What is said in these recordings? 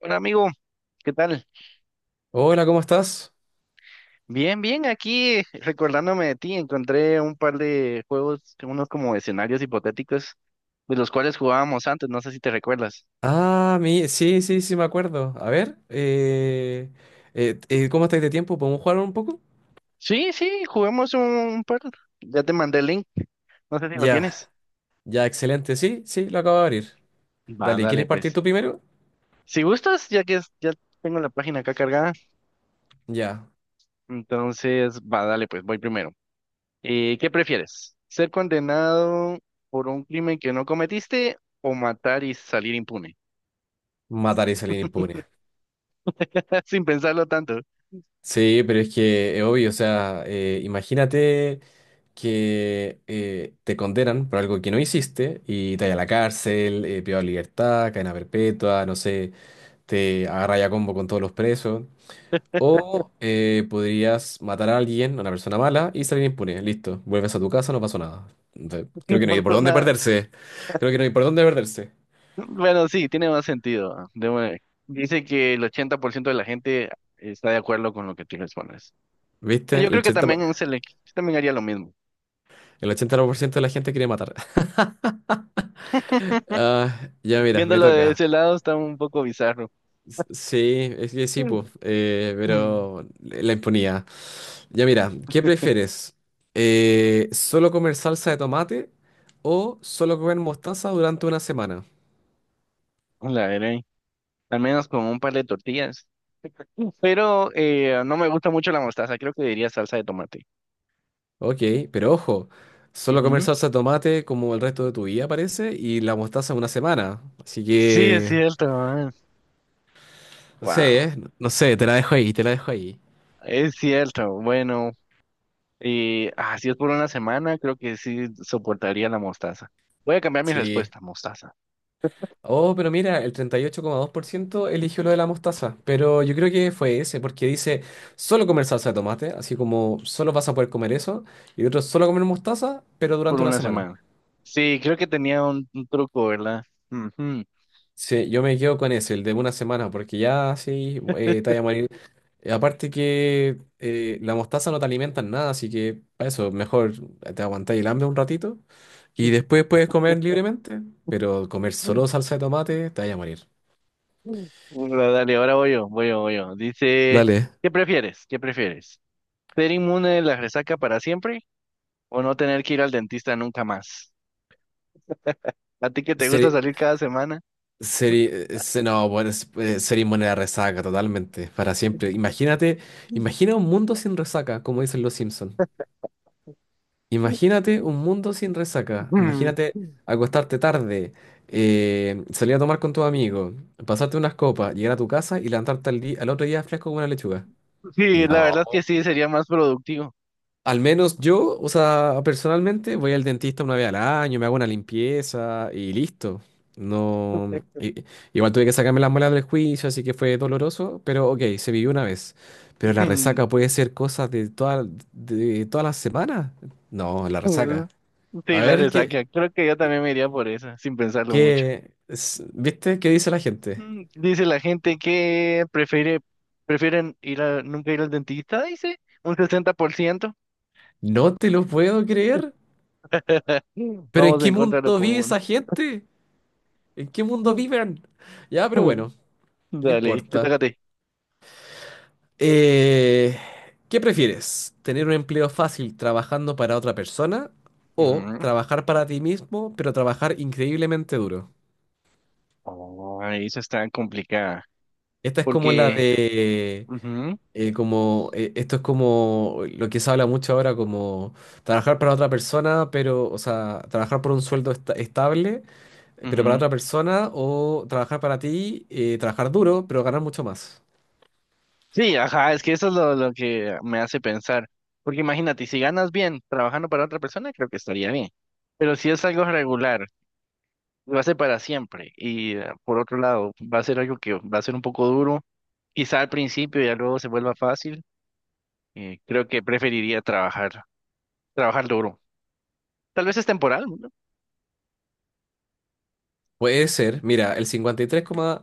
Hola amigo, ¿qué tal? Hola, ¿cómo estás? Bien, bien, aquí recordándome de ti, encontré un par de juegos, unos como escenarios hipotéticos, de los cuales jugábamos antes, no sé si te recuerdas. Ah, sí, sí, sí, me acuerdo. A ver, ¿cómo estáis de tiempo? ¿Podemos jugar un poco? Sí, sí, juguemos un par, ya te mandé el link, no sé si lo Ya, tienes. ya, excelente. Sí, sí, lo acabo de abrir. Va, Dale, ¿quieres dale partir pues. tú primero? Si gustas, ya tengo la página acá cargada, Ya, entonces va, dale pues, voy primero. ¿Qué prefieres? ¿Ser condenado por un crimen que no cometiste o matar y salir impune? matar y salir impune. Sin pensarlo tanto. Sí, pero es que es obvio, o sea, imagínate que te condenan por algo que no hiciste y te vayas a la cárcel, privado de libertad, cadena perpetua, no sé, te agarra a combo con todos los presos. O podrías matar a alguien, a una persona mala, y salir impune. Listo. Vuelves a tu casa, no pasó nada. Entonces, creo que no hay No por pasó dónde nada. perderse. Creo que no hay por dónde perderse. Bueno, sí, tiene más sentido. Ah, de una vez. Dice que el 80% de la gente está de acuerdo con lo que tú respondes. ¿Viste? Yo creo que también yo también haría lo mismo. El 80% de la gente quiere matar. Ah, ya mira, me Viéndolo de toca. ese lado está un poco bizarro. Sí, es que sí, pues. Mm. Pero la impunidad. Ya mira, ¿qué prefieres? ¿Solo comer salsa de tomate o solo comer mostaza durante una semana? La veré. Al menos con un par de tortillas. Pero no me gusta mucho la mostaza. Creo que diría salsa de tomate. Ok, pero ojo, solo comer Ujú. salsa de tomate como el resto de tu vida parece y la mostaza una semana. Así Sí, es que, cierto. no sé, Wow. ¿eh? No sé, te la dejo ahí, te la dejo ahí. Es cierto. Bueno, y ah, si es por una semana, creo que sí soportaría la mostaza. Voy a cambiar mi Sí. respuesta, mostaza, Oh, pero mira, el 38,2% eligió lo de la mostaza, pero yo creo que fue ese, porque dice solo comer salsa de tomate, así como solo vas a poder comer eso, y otros solo comer mostaza, pero por durante una una semana. semana. Sí, creo que tenía un truco, ¿verdad? Ujú. Sí, yo me quedo con ese, el de una semana, porque ya sí, te vaya a morir. Aparte que la mostaza no te alimenta en nada, así que para eso mejor te aguantáis el hambre un ratito y después puedes comer libremente, pero comer Mm, solo salsa de tomate te vaya a morir. mm. Bueno, dale, ahora voy yo, voy yo, voy yo. Dice, Dale. ¿qué prefieres? ¿Qué prefieres? ¿Ser inmune de la resaca para siempre o no tener que ir al dentista nunca más? ¿A ti que te gusta Seri, salir cada semana? No, bueno, sería inmune a la resaca totalmente, para siempre. Imagínate, imagina un mundo sin resaca, como dicen los Simpsons. Imagínate un mundo sin resaca. Imagínate acostarte tarde, salir a tomar con tus amigos, pasarte unas copas, llegar a tu casa y levantarte al día, al otro día fresco como una lechuga. Sí, la verdad es que No. sí, sería más productivo. Al menos yo, o sea, personalmente voy al dentista una vez al año, me hago una limpieza y listo. No. Igual tuve que sacarme las muelas del juicio, así que fue doloroso, pero ok, se vivió una vez. Pero la resaca puede ser cosas de todas las semanas. No, la Mm, resaca. sí, A la ver, resaca. Creo que yo también me iría por esa, sin pensarlo mucho. ¿Viste? ¿Qué dice la gente? Mm, Dice la gente que prefiere, prefieren nunca ir al dentista, dice, un 60%. No te lo puedo creer. ¿Pero en Vamos en qué contra de lo mundo vive común. esa gente? ¿En qué mundo viven? Ya, pero bueno, no Dale, te toca importa. a ti. Eh, ¿Qué prefieres? ¿Tener un empleo fácil trabajando para otra persona o Ujú. trabajar para ti mismo, pero trabajar increíblemente duro? Oh, eso está complicada. Esta es como la Porque, de ujú, como esto es como lo que se habla mucho ahora, como trabajar para otra persona, pero, o sea, trabajar por un sueldo estable, pero para ujú. otra persona, o trabajar para ti, trabajar duro, pero ganar mucho más. Sí, ajá, es que eso es lo que me hace pensar. Porque imagínate, si ganas bien trabajando para otra persona, creo que estaría bien. Pero si es algo regular, va a ser para siempre. Y por otro lado, va a ser algo que va a ser un poco duro. Quizá al principio ya luego se vuelva fácil. Eh, creo que preferiría trabajar duro. Tal vez es temporal, ¿no? Puede ser, mira, el cincuenta y tres coma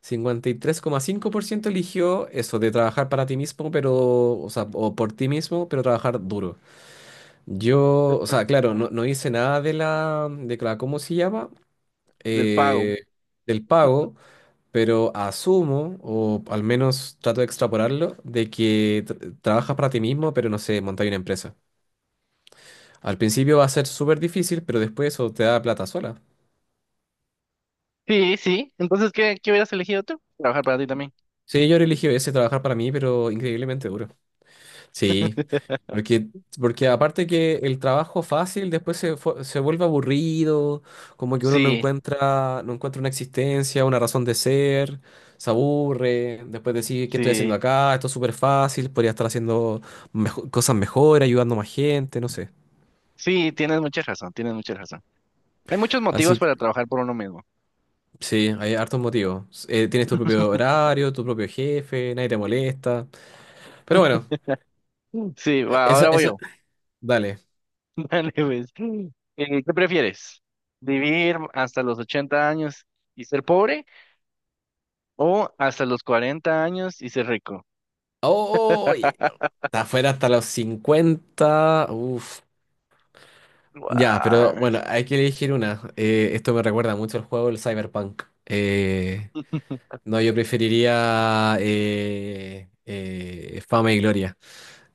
cinco por ciento eligió eso, de trabajar para ti mismo, pero, o sea, o por ti mismo, pero trabajar duro. Yo, o sea, claro, Ah, no, no hice nada de la, ¿cómo se llama? del pago. Eh, Del pago. Pero asumo, o al menos trato de extrapolarlo, de que trabajas para ti mismo, pero no sé, montar una empresa. Al principio va a ser súper difícil, pero después eso te da plata sola. Sí, sí. Entonces, ¿qué hubieras elegido tú? Trabajar para ti también. Sí, yo elegí ese trabajar para mí, pero increíblemente duro. Sí, porque, porque aparte que el trabajo fácil después se vuelve aburrido, como que uno no Sí, encuentra, no encuentra una existencia, una razón de ser, se aburre, después decir, ¿qué estoy haciendo sí. acá? Esto es súper fácil, podría estar haciendo cosas mejor, ayudando a más gente, no sé. Sí, tienes mucha razón, tienes mucha razón. Hay muchos motivos Así que para trabajar por uno mismo. sí, hay hartos motivos. Tienes tu propio horario, tu propio jefe, nadie te molesta. Pero bueno, Mm. Sí, e- va, esa, ahora voy esa, yo. dale. Dale, pues. Mm. ¿Qué prefieres? ¿Vivir hasta los 80 años y ser pobre? O hasta los 40 años y ser rico. Oh, está afuera hasta los 50. Uf. Ya, pero Guau. bueno, hay que elegir una. Esto me recuerda mucho al juego del Cyberpunk. No, yo preferiría fama y gloria.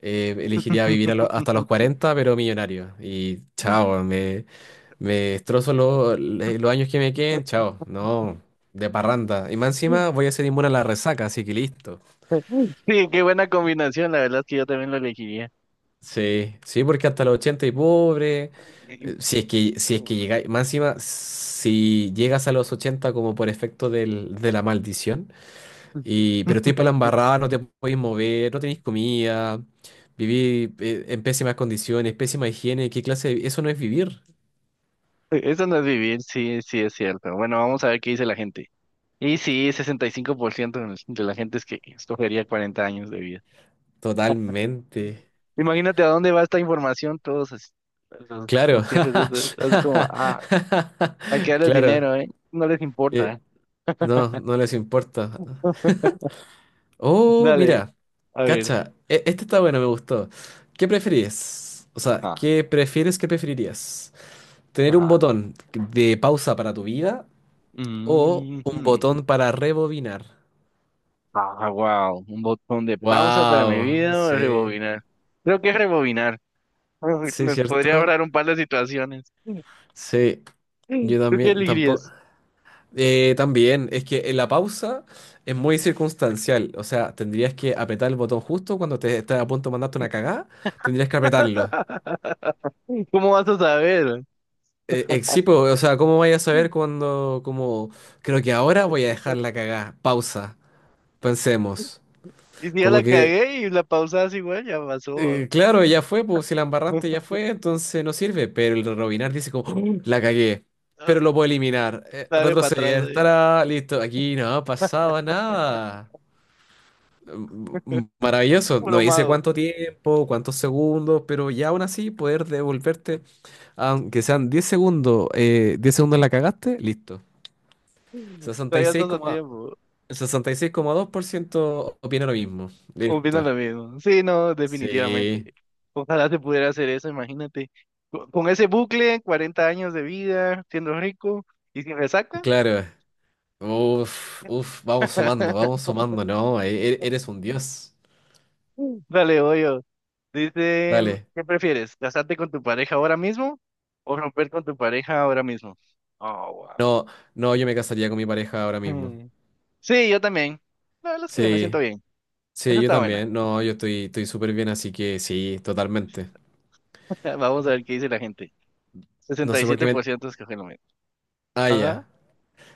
Elegiría vivir hasta los 40, pero millonario. Y chao, me destrozo los años que me queden, chao. No, de parranda. Y más encima voy a ser inmune a la resaca, así que listo. Sí, qué buena combinación. La verdad es que yo también lo elegiría. Sí, sí, porque hasta los 80 y pobre. Si es que, si es que llegáis, más encima, si llegas a los 80 como por efecto de la maldición, y, pero estoy para la embarrada, no te podéis mover, no tenéis comida, vivís en pésimas condiciones, pésima higiene, Eso no es vivir. Eso no es vivir, sí, sí es cierto. Bueno, vamos a ver qué dice la gente. Y sí, 65% de la gente es que escogería 40 años de vida. Totalmente. Imagínate a dónde va esta información, todos así, Claro. los jefes, así como, ah, hay que darles Claro. dinero, ¿eh? No les importa, ¿eh? eh, no, no les importa. Oh, Dale, mira, a ver. cacha, este está bueno, me gustó. ¿Qué preferís? O sea, Ajá, ¿Qué preferirías? ¿Tener un ajá. botón de pausa para tu vida o un Mhm. botón para rebobinar? Ah, wow. Un botón de pausa para mi Wow, vida o sí, rebobinar. Creo que es rebobinar. sí, Me podría cierto. ahorrar un par de situaciones. Sí, yo ¿Tú qué también, tampoco. elegirías? También, es que en la pausa es muy circunstancial. O sea, tendrías que apretar el botón justo cuando te estás a punto de mandarte una cagada, tendrías que apretarlo. ¿Cómo vas a saber? Sí, pues, o sea, ¿cómo vaya a saber cuando, como, creo que ahora voy a dejar la cagada? Pausa, pensemos. Y si ya Como la que, cagué y la pausas igual, ya pasó. Claro, ya fue, pues si la embarraste ya fue, entonces no sirve. Pero el rebobinar dice como, "Oh, la cagué, Ah, pero lo puedo eliminar. Dale para atrás Retroceder, ahí. estará listo. Aquí no ha pasado nada. Maravilloso, no Puro dice mago. cuánto tiempo, cuántos segundos, pero ya aún así poder devolverte, aunque sean 10 segundos, 10 segundos la cagaste, listo. sesenta y Todavía seis estás a coma- tiempo. 66,2% opina lo mismo. Opino Listo. lo mismo. Sí, no, definitivamente. Sí, Ojalá se pudiera hacer eso, imagínate. Con ese bucle, 40 años de vida, siendo rico y sin resaca. claro. Uf, uf, vamos sumando, ¿no? Eres un dios. Dale, voy yo. Dice, Dale. ¿qué prefieres? ¿Casarte con tu pareja ahora mismo o romper con tu pareja ahora mismo? Oh, No, no, yo me casaría con mi pareja ahora wow. mismo. Hmm. Sí, yo también. La verdad es que me siento Sí, bien. Esa sí, yo está buena. también. No, yo estoy, estoy súper bien, así que sí, totalmente. Vamos a ver qué dice la gente. No sesenta y sé por qué siete me... por ciento escoge lo mismo. Ah, Ajá, ya.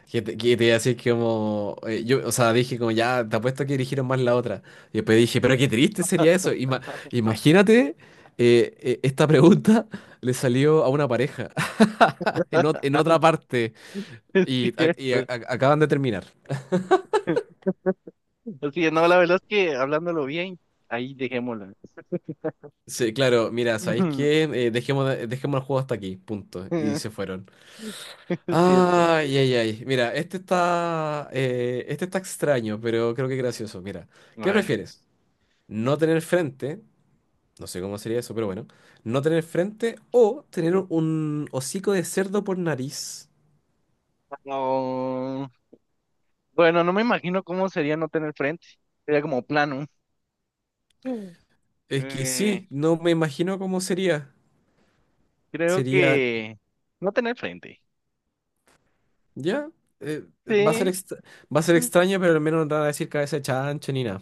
Que te iba a decir que como, yo, o sea, dije como ya, te apuesto que dirigieron más la otra. Y después dije, pero qué triste sería eso. Imagínate, esta pregunta le salió a una pareja en otra parte es y, ac- y a- cierto. a- acaban de terminar. Sí, no, la verdad es que hablándolo bien, ahí dejémoslo. Sí, claro, mira, ¿sabéis qué? Dejemos el juego hasta aquí, punto. Y Es se fueron. cierto. Ay, ay, ay. Mira, este está extraño, pero creo que gracioso. Mira, ¿qué Bueno. prefieres? ¿No tener frente? No sé cómo sería eso, pero bueno. No tener frente o tener un hocico de cerdo por nariz. Oh, bueno, no me imagino cómo sería no tener frente. Sería como plano. Mm. Es que Eh, sí, no me imagino cómo sería. creo Sería, que no tener frente. ya, eh, va a ser Sí. extra- va a ser extraño, pero al menos no te van a decir cabeza de chancho ni nada.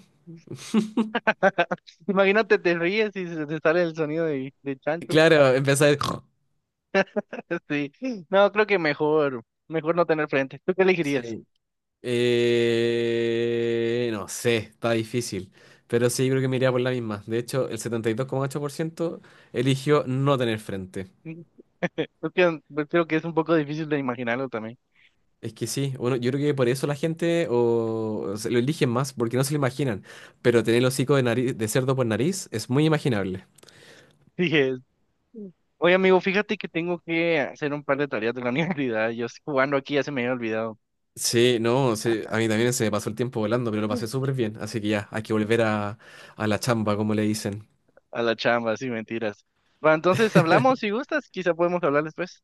Imagínate, te ríes y se te sale el sonido de chancho. Claro, empezar. Sí. No, creo que mejor, mejor no tener frente. ¿Tú qué elegirías? Sí. No sé, está difícil. Pero sí, creo que me iría por la misma. De hecho, el 72,8% eligió no tener frente. Creo que pues, creo que es un poco difícil de imaginarlo también. Es que sí, bueno, yo creo que por eso la gente o se lo eligen más, porque no se lo imaginan. Pero tener el hocico de nariz, de cerdo por nariz es muy imaginable. Sí, mm. Oye, amigo, fíjate que tengo que hacer un par de tareas de la universidad. Yo estoy jugando aquí, ya se me había olvidado. Sí, no, sí, a mí también se me pasó el tiempo volando, pero lo Mm. pasé súper bien. Así que ya, hay que volver a la chamba, como le dicen. A la chamba, sí, mentiras. Va, entonces hablamos si gustas, quizá podemos hablar después.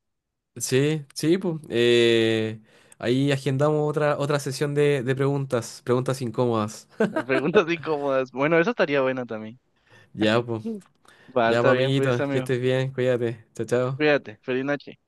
Sí, sí, pues. Ahí agendamos otra sesión de preguntas incómodas. Las preguntas incómodas. Bueno, eso estaría bueno también. Ya, pues. Mm. Va, Ya, pues, está bien, pues, amiguito, que amigo. estés bien, cuídate. Chao, chao. Cuídate, feliz noche.